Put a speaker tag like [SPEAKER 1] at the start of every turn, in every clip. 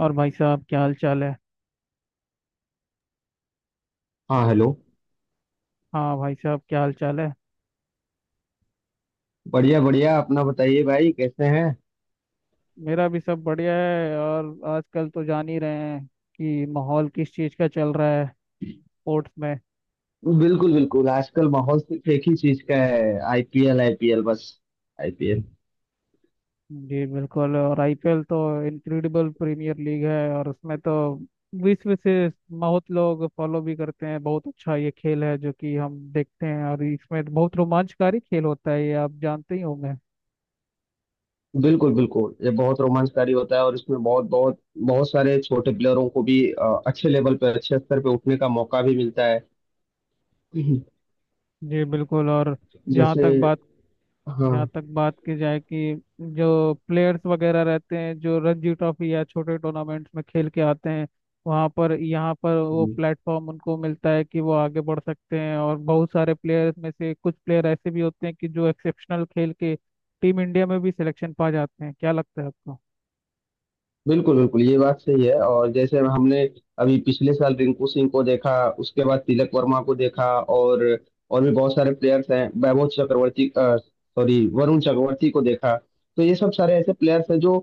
[SPEAKER 1] और भाई साहब क्या हाल चाल है।
[SPEAKER 2] हाँ, हेलो।
[SPEAKER 1] हाँ भाई साहब क्या हाल चाल है।
[SPEAKER 2] बढ़िया बढ़िया, अपना बताइए भाई, कैसे हैं?
[SPEAKER 1] मेरा भी सब बढ़िया है, और आजकल तो जान ही रहे हैं कि माहौल किस चीज़ का चल रहा है स्पोर्ट्स में।
[SPEAKER 2] बिल्कुल बिल्कुल, आजकल माहौल सिर्फ एक ही चीज का है। आईपीएल, आईपीएल, बस आईपीएल।
[SPEAKER 1] जी बिल्कुल। और आईपीएल तो इनक्रेडिबल प्रीमियर लीग है, और उसमें तो विश्व से बहुत लोग फॉलो भी करते हैं। बहुत अच्छा ये खेल है जो कि हम देखते हैं, और इसमें बहुत रोमांचकारी खेल होता है, ये आप जानते ही होंगे।
[SPEAKER 2] बिल्कुल बिल्कुल, ये बहुत रोमांचकारी होता है और इसमें बहुत बहुत बहुत सारे छोटे प्लेयरों को भी अच्छे लेवल पे, अच्छे स्तर पे उठने का मौका भी मिलता है। हम्म।
[SPEAKER 1] जी बिल्कुल। और जहाँ
[SPEAKER 2] जैसे,
[SPEAKER 1] तक बात जहाँ
[SPEAKER 2] हाँ,
[SPEAKER 1] तक बात की जाए कि जो प्लेयर्स वगैरह रहते हैं, जो रणजी ट्रॉफी या छोटे टूर्नामेंट्स में खेल के आते हैं, वहाँ पर यहाँ पर वो प्लेटफॉर्म उनको मिलता है कि वो आगे बढ़ सकते हैं। और बहुत सारे प्लेयर्स में से कुछ प्लेयर ऐसे भी होते हैं कि जो एक्सेप्शनल खेल के टीम इंडिया में भी सिलेक्शन पा जाते हैं। क्या लगता है आपको?
[SPEAKER 2] बिल्कुल बिल्कुल, ये बात सही है। और जैसे हमने अभी पिछले साल रिंकू सिंह को देखा, उसके बाद तिलक वर्मा को देखा, और और भी बहुत सारे प्लेयर्स हैं। वैभव चक्रवर्ती, सॉरी, वरुण चक्रवर्ती को देखा। तो ये सब सारे ऐसे प्लेयर्स हैं जो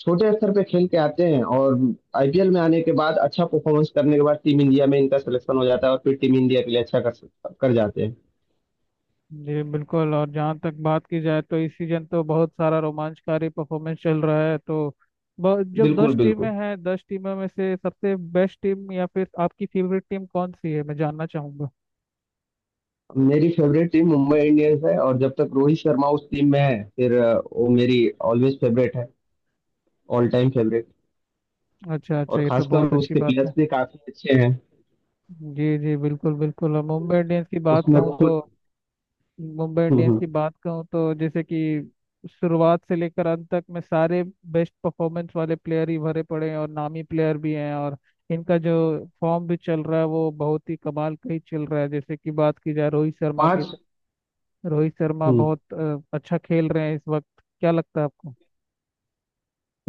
[SPEAKER 2] छोटे स्तर पे खेल के आते हैं और आईपीएल में आने के बाद अच्छा परफॉर्मेंस करने के बाद टीम इंडिया में इनका सिलेक्शन हो जाता है और फिर टीम इंडिया के लिए अच्छा कर कर जाते हैं।
[SPEAKER 1] जी बिल्कुल। और जहाँ तक बात की जाए तो इस सीजन तो बहुत सारा रोमांचकारी परफॉर्मेंस चल रहा है। तो जब
[SPEAKER 2] बिल्कुल
[SPEAKER 1] 10 टीमें
[SPEAKER 2] बिल्कुल,
[SPEAKER 1] हैं, 10 टीमों में से सबसे बेस्ट टीम या फिर आपकी फेवरेट टीम कौन सी है, मैं जानना चाहूँगा।
[SPEAKER 2] मेरी फेवरेट टीम मुंबई इंडियंस है, और जब तक रोहित शर्मा उस टीम में है फिर वो मेरी ऑलवेज फेवरेट है, ऑल टाइम फेवरेट।
[SPEAKER 1] अच्छा अच्छा,
[SPEAKER 2] और
[SPEAKER 1] ये तो
[SPEAKER 2] खासकर
[SPEAKER 1] बहुत अच्छी
[SPEAKER 2] उसके
[SPEAKER 1] बात
[SPEAKER 2] प्लेयर्स
[SPEAKER 1] है।
[SPEAKER 2] भी काफी अच्छे हैं।
[SPEAKER 1] जी जी, बिल्कुल बिल्कुल। और मुंबई इंडियंस की बात
[SPEAKER 2] उसमें
[SPEAKER 1] कहूँ
[SPEAKER 2] खुद।
[SPEAKER 1] तो मुंबई इंडियंस
[SPEAKER 2] हम्म।
[SPEAKER 1] की बात कहूँ तो जैसे कि शुरुआत से लेकर अंत तक में सारे बेस्ट परफॉर्मेंस वाले प्लेयर ही भरे पड़े हैं, और नामी प्लेयर भी हैं। और इनका जो फॉर्म भी चल रहा है वो बहुत ही कमाल का ही चल रहा है। जैसे कि बात की जाए रोहित शर्मा की,
[SPEAKER 2] पांच।
[SPEAKER 1] तो रोहित शर्मा
[SPEAKER 2] हम्म।
[SPEAKER 1] बहुत अच्छा खेल रहे हैं इस वक्त। क्या लगता है आपको?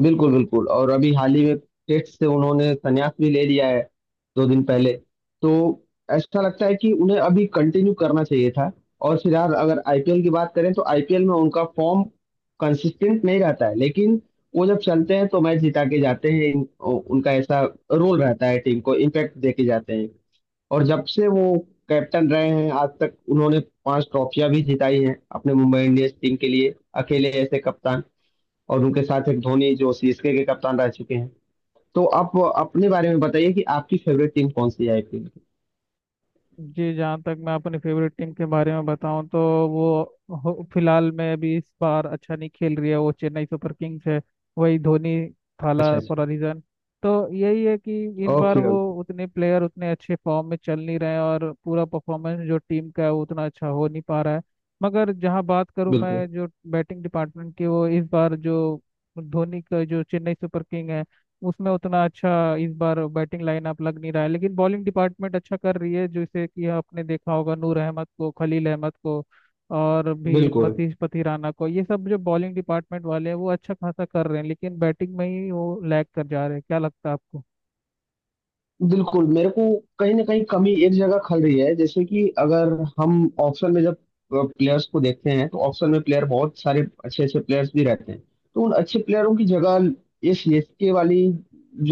[SPEAKER 2] बिल्कुल बिल्कुल, और अभी हाल ही में टेस्ट से उन्होंने संन्यास भी ले लिया है, 2 दिन पहले। तो ऐसा लगता है कि उन्हें अभी कंटिन्यू करना चाहिए था। और फिर यार, अगर आईपीएल की बात करें तो आईपीएल में उनका फॉर्म कंसिस्टेंट नहीं रहता है, लेकिन वो जब चलते हैं तो मैच जिता के जाते हैं। उनका ऐसा रोल रहता है, टीम को इम्पैक्ट दे के जाते हैं। और जब से वो कैप्टन रहे हैं, आज तक उन्होंने 5 ट्रॉफियां भी जिताई हैं अपने मुंबई इंडियंस टीम के लिए, अकेले ऐसे कप्तान। और उनके साथ एक धोनी जो सीएसके के कप्तान रह चुके हैं। तो आप अपने बारे में बताइए कि आपकी फेवरेट टीम कौन सी है आईपीएल की।
[SPEAKER 1] जी, जहाँ तक मैं अपनी फेवरेट टीम के बारे में बताऊं, तो वो फिलहाल में अभी इस बार अच्छा नहीं खेल रही है। वो चेन्नई सुपर किंग्स है, वही धोनी,
[SPEAKER 2] अच्छा अच्छा।
[SPEAKER 1] Thala for a reason. तो यही है कि इस बार
[SPEAKER 2] ओके
[SPEAKER 1] वो
[SPEAKER 2] ओके।
[SPEAKER 1] उतने प्लेयर उतने अच्छे फॉर्म में चल नहीं रहे हैं, और पूरा परफॉर्मेंस जो टीम का है वो उतना अच्छा हो नहीं पा रहा है। मगर जहाँ बात करूँ मैं
[SPEAKER 2] बिल्कुल
[SPEAKER 1] जो बैटिंग डिपार्टमेंट की, वो इस बार जो धोनी का जो चेन्नई सुपर किंग है, उसमें उतना अच्छा इस बार बैटिंग लाइनअप लग नहीं रहा है, लेकिन बॉलिंग डिपार्टमेंट अच्छा कर रही है। जैसे कि आपने देखा होगा नूर अहमद को, खलील अहमद को, और भी
[SPEAKER 2] बिल्कुल
[SPEAKER 1] मतीश पथिराना को, ये सब जो बॉलिंग डिपार्टमेंट वाले हैं वो अच्छा खासा कर रहे हैं, लेकिन बैटिंग में ही वो लैग कर जा रहे हैं। क्या लगता है आपको?
[SPEAKER 2] बिल्कुल मेरे को कहीं ना कहीं कमी एक जगह खल रही है। जैसे कि अगर हम ऑप्शन में जब प्लेयर्स को देखते हैं तो ऑप्शन में प्लेयर, बहुत सारे अच्छे अच्छे प्लेयर्स भी रहते हैं। तो उन अच्छे प्लेयरों की जगह ये सीएसके वाली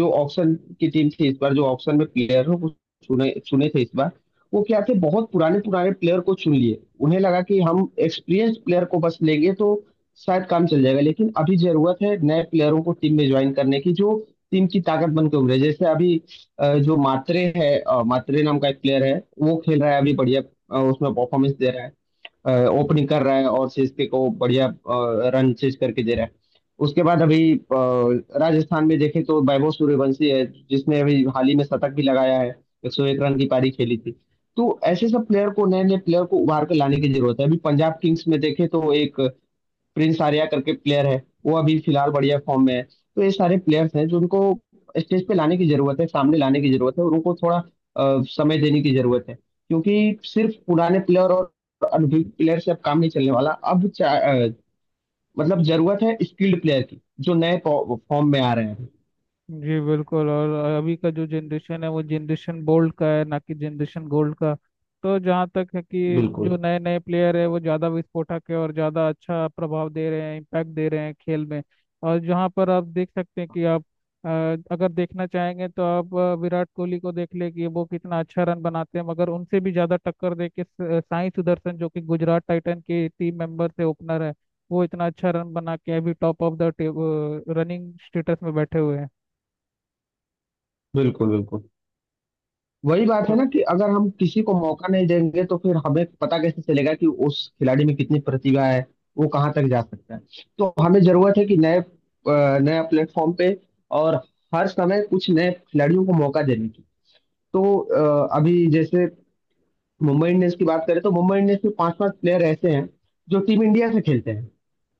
[SPEAKER 2] जो ऑप्शन की टीम थी इस बार, जो ऑप्शन में प्लेयर हो वो चुने चुने थे इस बार। वो क्या थे, बहुत पुराने पुराने प्लेयर को चुन लिए। उन्हें लगा कि हम एक्सपीरियंस प्लेयर को बस लेंगे तो शायद काम चल जाएगा, लेकिन अभी जरूरत है नए प्लेयरों को टीम में ज्वाइन करने की, जो टीम की ताकत बनकर उभरे। जैसे अभी जो मात्रे है, मात्रे नाम का एक प्लेयर है, वो खेल रहा है अभी बढ़िया। उसमें परफॉर्मेंस दे रहा है, ओपनिंग कर रहा है और सीएसके को बढ़िया रन चेज करके दे रहा है। उसके बाद अभी राजस्थान में देखें तो वैभव सूर्यवंशी है, जिसने अभी हाल ही में शतक भी लगाया है, 101 रन की पारी खेली थी। तो ऐसे सब प्लेयर को, नए नए प्लेयर को उभार कर लाने की जरूरत है। अभी पंजाब किंग्स में देखें तो एक प्रिंस आर्या करके प्लेयर है, वो अभी फिलहाल बढ़िया फॉर्म में है। तो ये सारे प्लेयर्स हैं जो उनको स्टेज पे लाने की जरूरत है, सामने लाने की जरूरत है। और उनको थोड़ा समय देने की जरूरत है, क्योंकि सिर्फ पुराने प्लेयर और अनुभवी प्लेयर से अब काम नहीं चलने वाला। अब मतलब जरूरत है स्किल्ड प्लेयर की, जो नए फॉर्म में आ रहे हैं।
[SPEAKER 1] जी बिल्कुल। और अभी का जो जनरेशन है वो जनरेशन गोल्ड का है, ना कि जनरेशन गोल्ड का। तो जहाँ तक है कि जो
[SPEAKER 2] बिल्कुल
[SPEAKER 1] नए नए प्लेयर है, वो ज़्यादा विस्फोटक है और ज़्यादा अच्छा प्रभाव दे रहे हैं, इम्पैक्ट दे रहे हैं खेल में। और जहाँ पर आप देख सकते हैं कि आप अ, अगर देखना चाहेंगे तो आप विराट कोहली को देख ले कि वो कितना अच्छा रन बनाते हैं, मगर उनसे भी ज़्यादा टक्कर दे के साई सुदर्शन, जो कि गुजरात टाइटन के टीम मेंबर से ओपनर है, वो इतना अच्छा रन बना के अभी top of the running status में बैठे हुए हैं।
[SPEAKER 2] बिल्कुल बिल्कुल वही बात है ना कि अगर हम किसी को मौका नहीं देंगे तो फिर हमें पता कैसे चलेगा कि उस खिलाड़ी में कितनी प्रतिभा है, वो कहाँ तक जा सकता है। तो हमें जरूरत है कि नए, नया प्लेटफॉर्म पे और हर समय कुछ नए खिलाड़ियों को मौका देने की। तो अभी जैसे मुंबई इंडियंस की बात करें तो मुंबई इंडियंस में पांच पांच प्लेयर ऐसे हैं जो टीम इंडिया से खेलते हैं।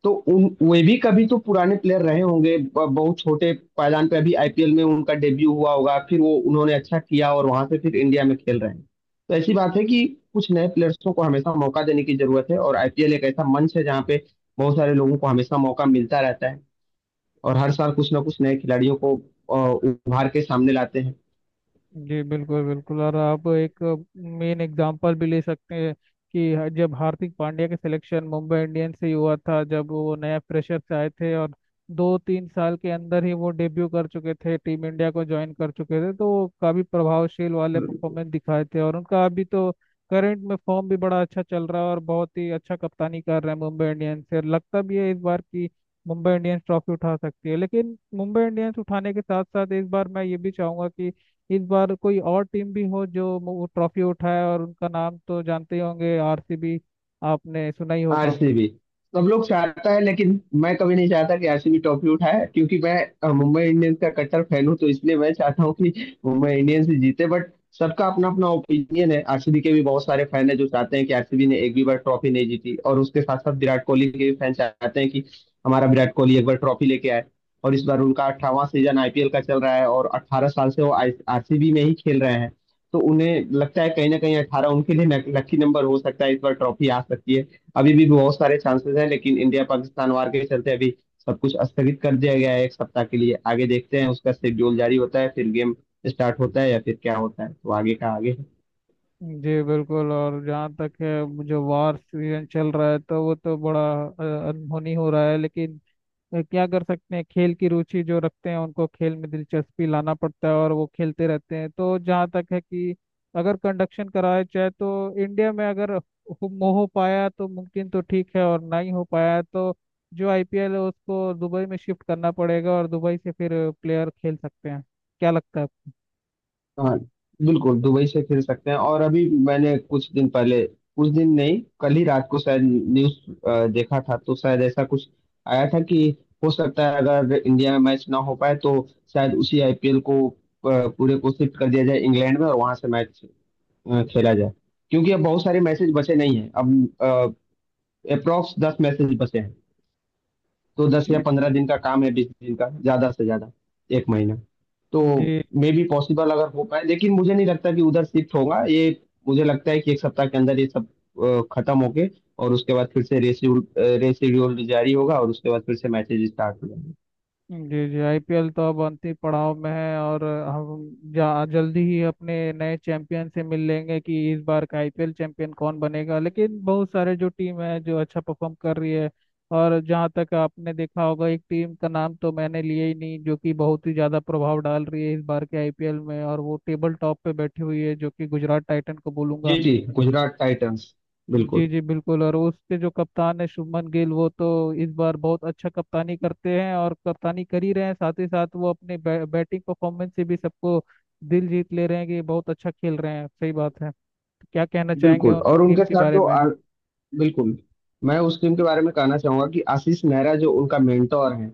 [SPEAKER 2] तो उन, वे भी कभी तो पुराने प्लेयर रहे होंगे। बहुत छोटे पायदान पे अभी आईपीएल में उनका डेब्यू हुआ होगा, फिर वो, उन्होंने अच्छा किया और वहां से फिर इंडिया में खेल रहे हैं। तो ऐसी बात है कि कुछ नए प्लेयर्सों को हमेशा मौका देने की जरूरत है और आईपीएल एक ऐसा मंच है जहाँ पे बहुत सारे लोगों को हमेशा मौका मिलता रहता है। और हर साल कुछ ना कुछ नए खिलाड़ियों को उभार के सामने लाते
[SPEAKER 1] जी बिल्कुल बिल्कुल। और आप एक मेन एग्जांपल भी ले सकते हैं कि जब हार्दिक पांड्या के सिलेक्शन मुंबई इंडियंस से ही हुआ था, जब वो नया प्रेशर से आए थे, और दो तीन साल के अंदर ही वो डेब्यू कर चुके थे, टीम इंडिया को ज्वाइन कर चुके थे, तो वो काफी प्रभावशील वाले
[SPEAKER 2] हैं।
[SPEAKER 1] परफॉर्मेंस दिखाए थे। और उनका अभी तो करंट में फॉर्म भी बड़ा अच्छा चल रहा है, और बहुत ही अच्छा कप्तानी कर रहे हैं मुंबई इंडियंस से। लगता भी है इस बार की मुंबई इंडियंस ट्रॉफी उठा सकती है, लेकिन मुंबई इंडियंस उठाने के साथ साथ इस बार मैं ये भी चाहूंगा कि इस बार कोई और टीम भी हो जो वो ट्रॉफी उठाए, और उनका नाम तो जानते ही होंगे आरसीबी, आपने सुना ही होगा।
[SPEAKER 2] आरसीबी। सब लोग चाहता है लेकिन मैं कभी नहीं चाहता कि आरसीबी ट्रॉफी उठाए, क्योंकि मैं मुंबई इंडियंस का कट्टर फैन हूं। तो इसलिए मैं चाहता हूं कि मुंबई इंडियंस ही जीते। बट सबका अपना अपना ओपिनियन है। आरसीबी के भी बहुत सारे फैन है जो चाहते हैं कि आरसीबी ने एक भी बार ट्रॉफी नहीं जीती, और उसके साथ साथ विराट कोहली के भी फैन चाहते हैं कि हमारा विराट कोहली एक बार ट्रॉफी लेके आए। और इस बार उनका 18वां सीजन आईपीएल का चल रहा है और 18 साल से वो आरसीबी में ही खेल रहे हैं। तो उन्हें लगता है कहीं ना कहीं 18 उनके लिए लकी नंबर हो सकता है, इस बार ट्रॉफी आ सकती है। अभी भी बहुत सारे चांसेस हैं, लेकिन इंडिया पाकिस्तान वार के चलते अभी सब कुछ स्थगित कर दिया गया है एक सप्ताह के लिए। आगे देखते हैं उसका शेड्यूल जारी होता है, फिर गेम स्टार्ट होता है या फिर क्या होता है। तो आगे का आगे है।
[SPEAKER 1] जी बिल्कुल। और जहाँ तक है जो वार सीजन चल रहा है, तो वो तो बड़ा अनहोनी हो रहा है। लेकिन क्या कर सकते हैं, खेल की रुचि जो रखते हैं उनको खेल में दिलचस्पी लाना पड़ता है, और वो खेलते रहते हैं। तो जहाँ तक है कि अगर कंडक्शन कराया जाए तो इंडिया में अगर हो पाया तो मुमकिन तो ठीक है, और नहीं हो पाया तो जो आईपीएल है उसको दुबई में शिफ्ट करना पड़ेगा, और दुबई से फिर प्लेयर खेल सकते हैं। क्या लगता है आपको?
[SPEAKER 2] हाँ, बिल्कुल दुबई से खेल सकते हैं। और अभी मैंने कुछ दिन पहले, कुछ दिन नहीं, कल ही रात को शायद न्यूज देखा था, तो शायद ऐसा कुछ आया था कि हो सकता है अगर इंडिया में मैच ना हो पाए तो शायद उसी आईपीएल को पूरे को शिफ्ट कर दिया जाए इंग्लैंड में और वहां से मैच खेला जाए। क्योंकि अब बहुत सारे मैसेज बचे नहीं हैं, अब अप्रोक्स 10 मैसेज बचे हैं। तो 10 या
[SPEAKER 1] जी
[SPEAKER 2] 15 दिन का काम है, 20 दिन का ज्यादा से ज्यादा, एक महीना। तो
[SPEAKER 1] जी।
[SPEAKER 2] मे बी पॉसिबल अगर हो पाए, लेकिन मुझे नहीं लगता कि उधर शिफ्ट होगा ये। मुझे लगता है कि एक सप्ताह के अंदर ये सब खत्म होके, और उसके बाद फिर से रेशिड्यूल रेशिड्यूल जारी होगा और उसके बाद फिर से मैचेज स्टार्ट हो जाएंगे।
[SPEAKER 1] जी जी, आईपीएल तो अब अंतिम पड़ाव में है, और हम जा जल्दी ही अपने नए चैंपियन से मिल लेंगे कि इस बार का आईपीएल चैंपियन कौन बनेगा। लेकिन बहुत सारे जो टीम है जो अच्छा परफॉर्म कर रही है, और जहाँ तक आपने देखा होगा, एक टीम का नाम तो मैंने लिया ही नहीं जो कि बहुत ही ज़्यादा प्रभाव डाल रही है इस बार के आईपीएल में, और वो टेबल टॉप पे बैठी हुई है, जो कि गुजरात टाइटन को बोलूंगा।
[SPEAKER 2] जी जी, गुजरात टाइटंस,
[SPEAKER 1] जी
[SPEAKER 2] बिल्कुल
[SPEAKER 1] जी बिल्कुल। और उसके जो कप्तान है शुभमन गिल, वो तो इस बार बहुत अच्छा कप्तानी करते हैं, और कप्तानी कर ही रहे हैं। साथ ही साथ वो अपने बैटिंग परफॉर्मेंस से भी सबको दिल जीत ले रहे हैं कि बहुत अच्छा खेल रहे हैं, सही बात है। क्या कहना चाहेंगे
[SPEAKER 2] बिल्कुल।
[SPEAKER 1] उन
[SPEAKER 2] और
[SPEAKER 1] टीम
[SPEAKER 2] उनके
[SPEAKER 1] के
[SPEAKER 2] साथ
[SPEAKER 1] बारे
[SPEAKER 2] जो,
[SPEAKER 1] में?
[SPEAKER 2] बिल्कुल, मैं उस टीम के बारे में कहना चाहूंगा कि आशीष नेहरा जो उनका मेंटोर है,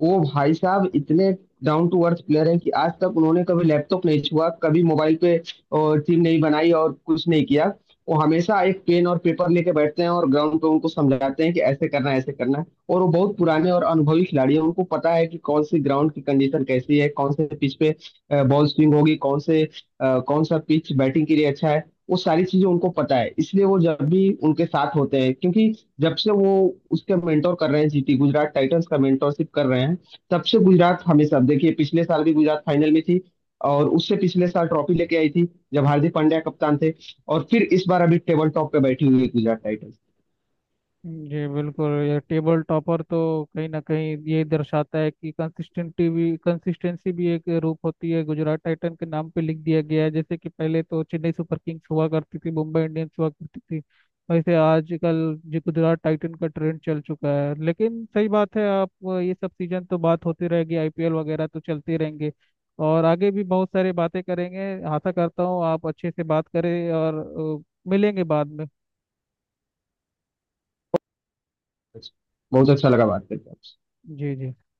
[SPEAKER 2] वो भाई साहब इतने डाउन टू अर्थ प्लेयर हैं कि आज तक उन्होंने कभी लैपटॉप नहीं छुआ, कभी मोबाइल पे टीम नहीं बनाई और कुछ नहीं किया। वो हमेशा एक पेन और पेपर लेके बैठते हैं और ग्राउंड पे उनको समझाते हैं कि ऐसे करना है, ऐसे करना है। और वो बहुत पुराने और अनुभवी खिलाड़ी हैं, उनको पता है कि कौन सी ग्राउंड की कंडीशन कैसी है, कौन से पिच पे बॉल स्विंग होगी, कौन से कौन सा पिच बैटिंग के लिए अच्छा है। वो सारी चीजें उनको पता है। इसलिए वो जब भी उनके साथ होते हैं, क्योंकि जब से वो उसके मेंटोर कर रहे हैं, जीटी गुजरात टाइटंस का मेंटोरशिप कर रहे हैं, तब से गुजरात हमेशा देखिए पिछले साल भी गुजरात फाइनल में थी और उससे पिछले साल ट्रॉफी लेके आई थी जब हार्दिक पांड्या कप्तान थे। और फिर इस बार अभी टेबल टॉप पे बैठी हुई है गुजरात टाइटंस।
[SPEAKER 1] जी बिल्कुल। ये टेबल टॉपर तो कहीं ना कहीं ये दर्शाता है कि कंसिस्टेंटी भी कंसिस्टेंसी भी एक रूप होती है, गुजरात टाइटन के नाम पे लिख दिया गया है। जैसे कि पहले तो चेन्नई सुपर किंग्स हुआ करती थी, मुंबई इंडियंस हुआ करती थी, वैसे आजकल जो गुजरात टाइटन का ट्रेंड चल चुका है। लेकिन सही बात है आप, ये सब सीजन तो बात होती रहेगी, आईपीएल वगैरह तो चलते रहेंगे, और आगे भी बहुत सारी बातें करेंगे। आशा करता हूँ आप अच्छे से बात करें, और मिलेंगे बाद में।
[SPEAKER 2] बहुत अच्छा लगा बात करके आपसे।
[SPEAKER 1] जी जी।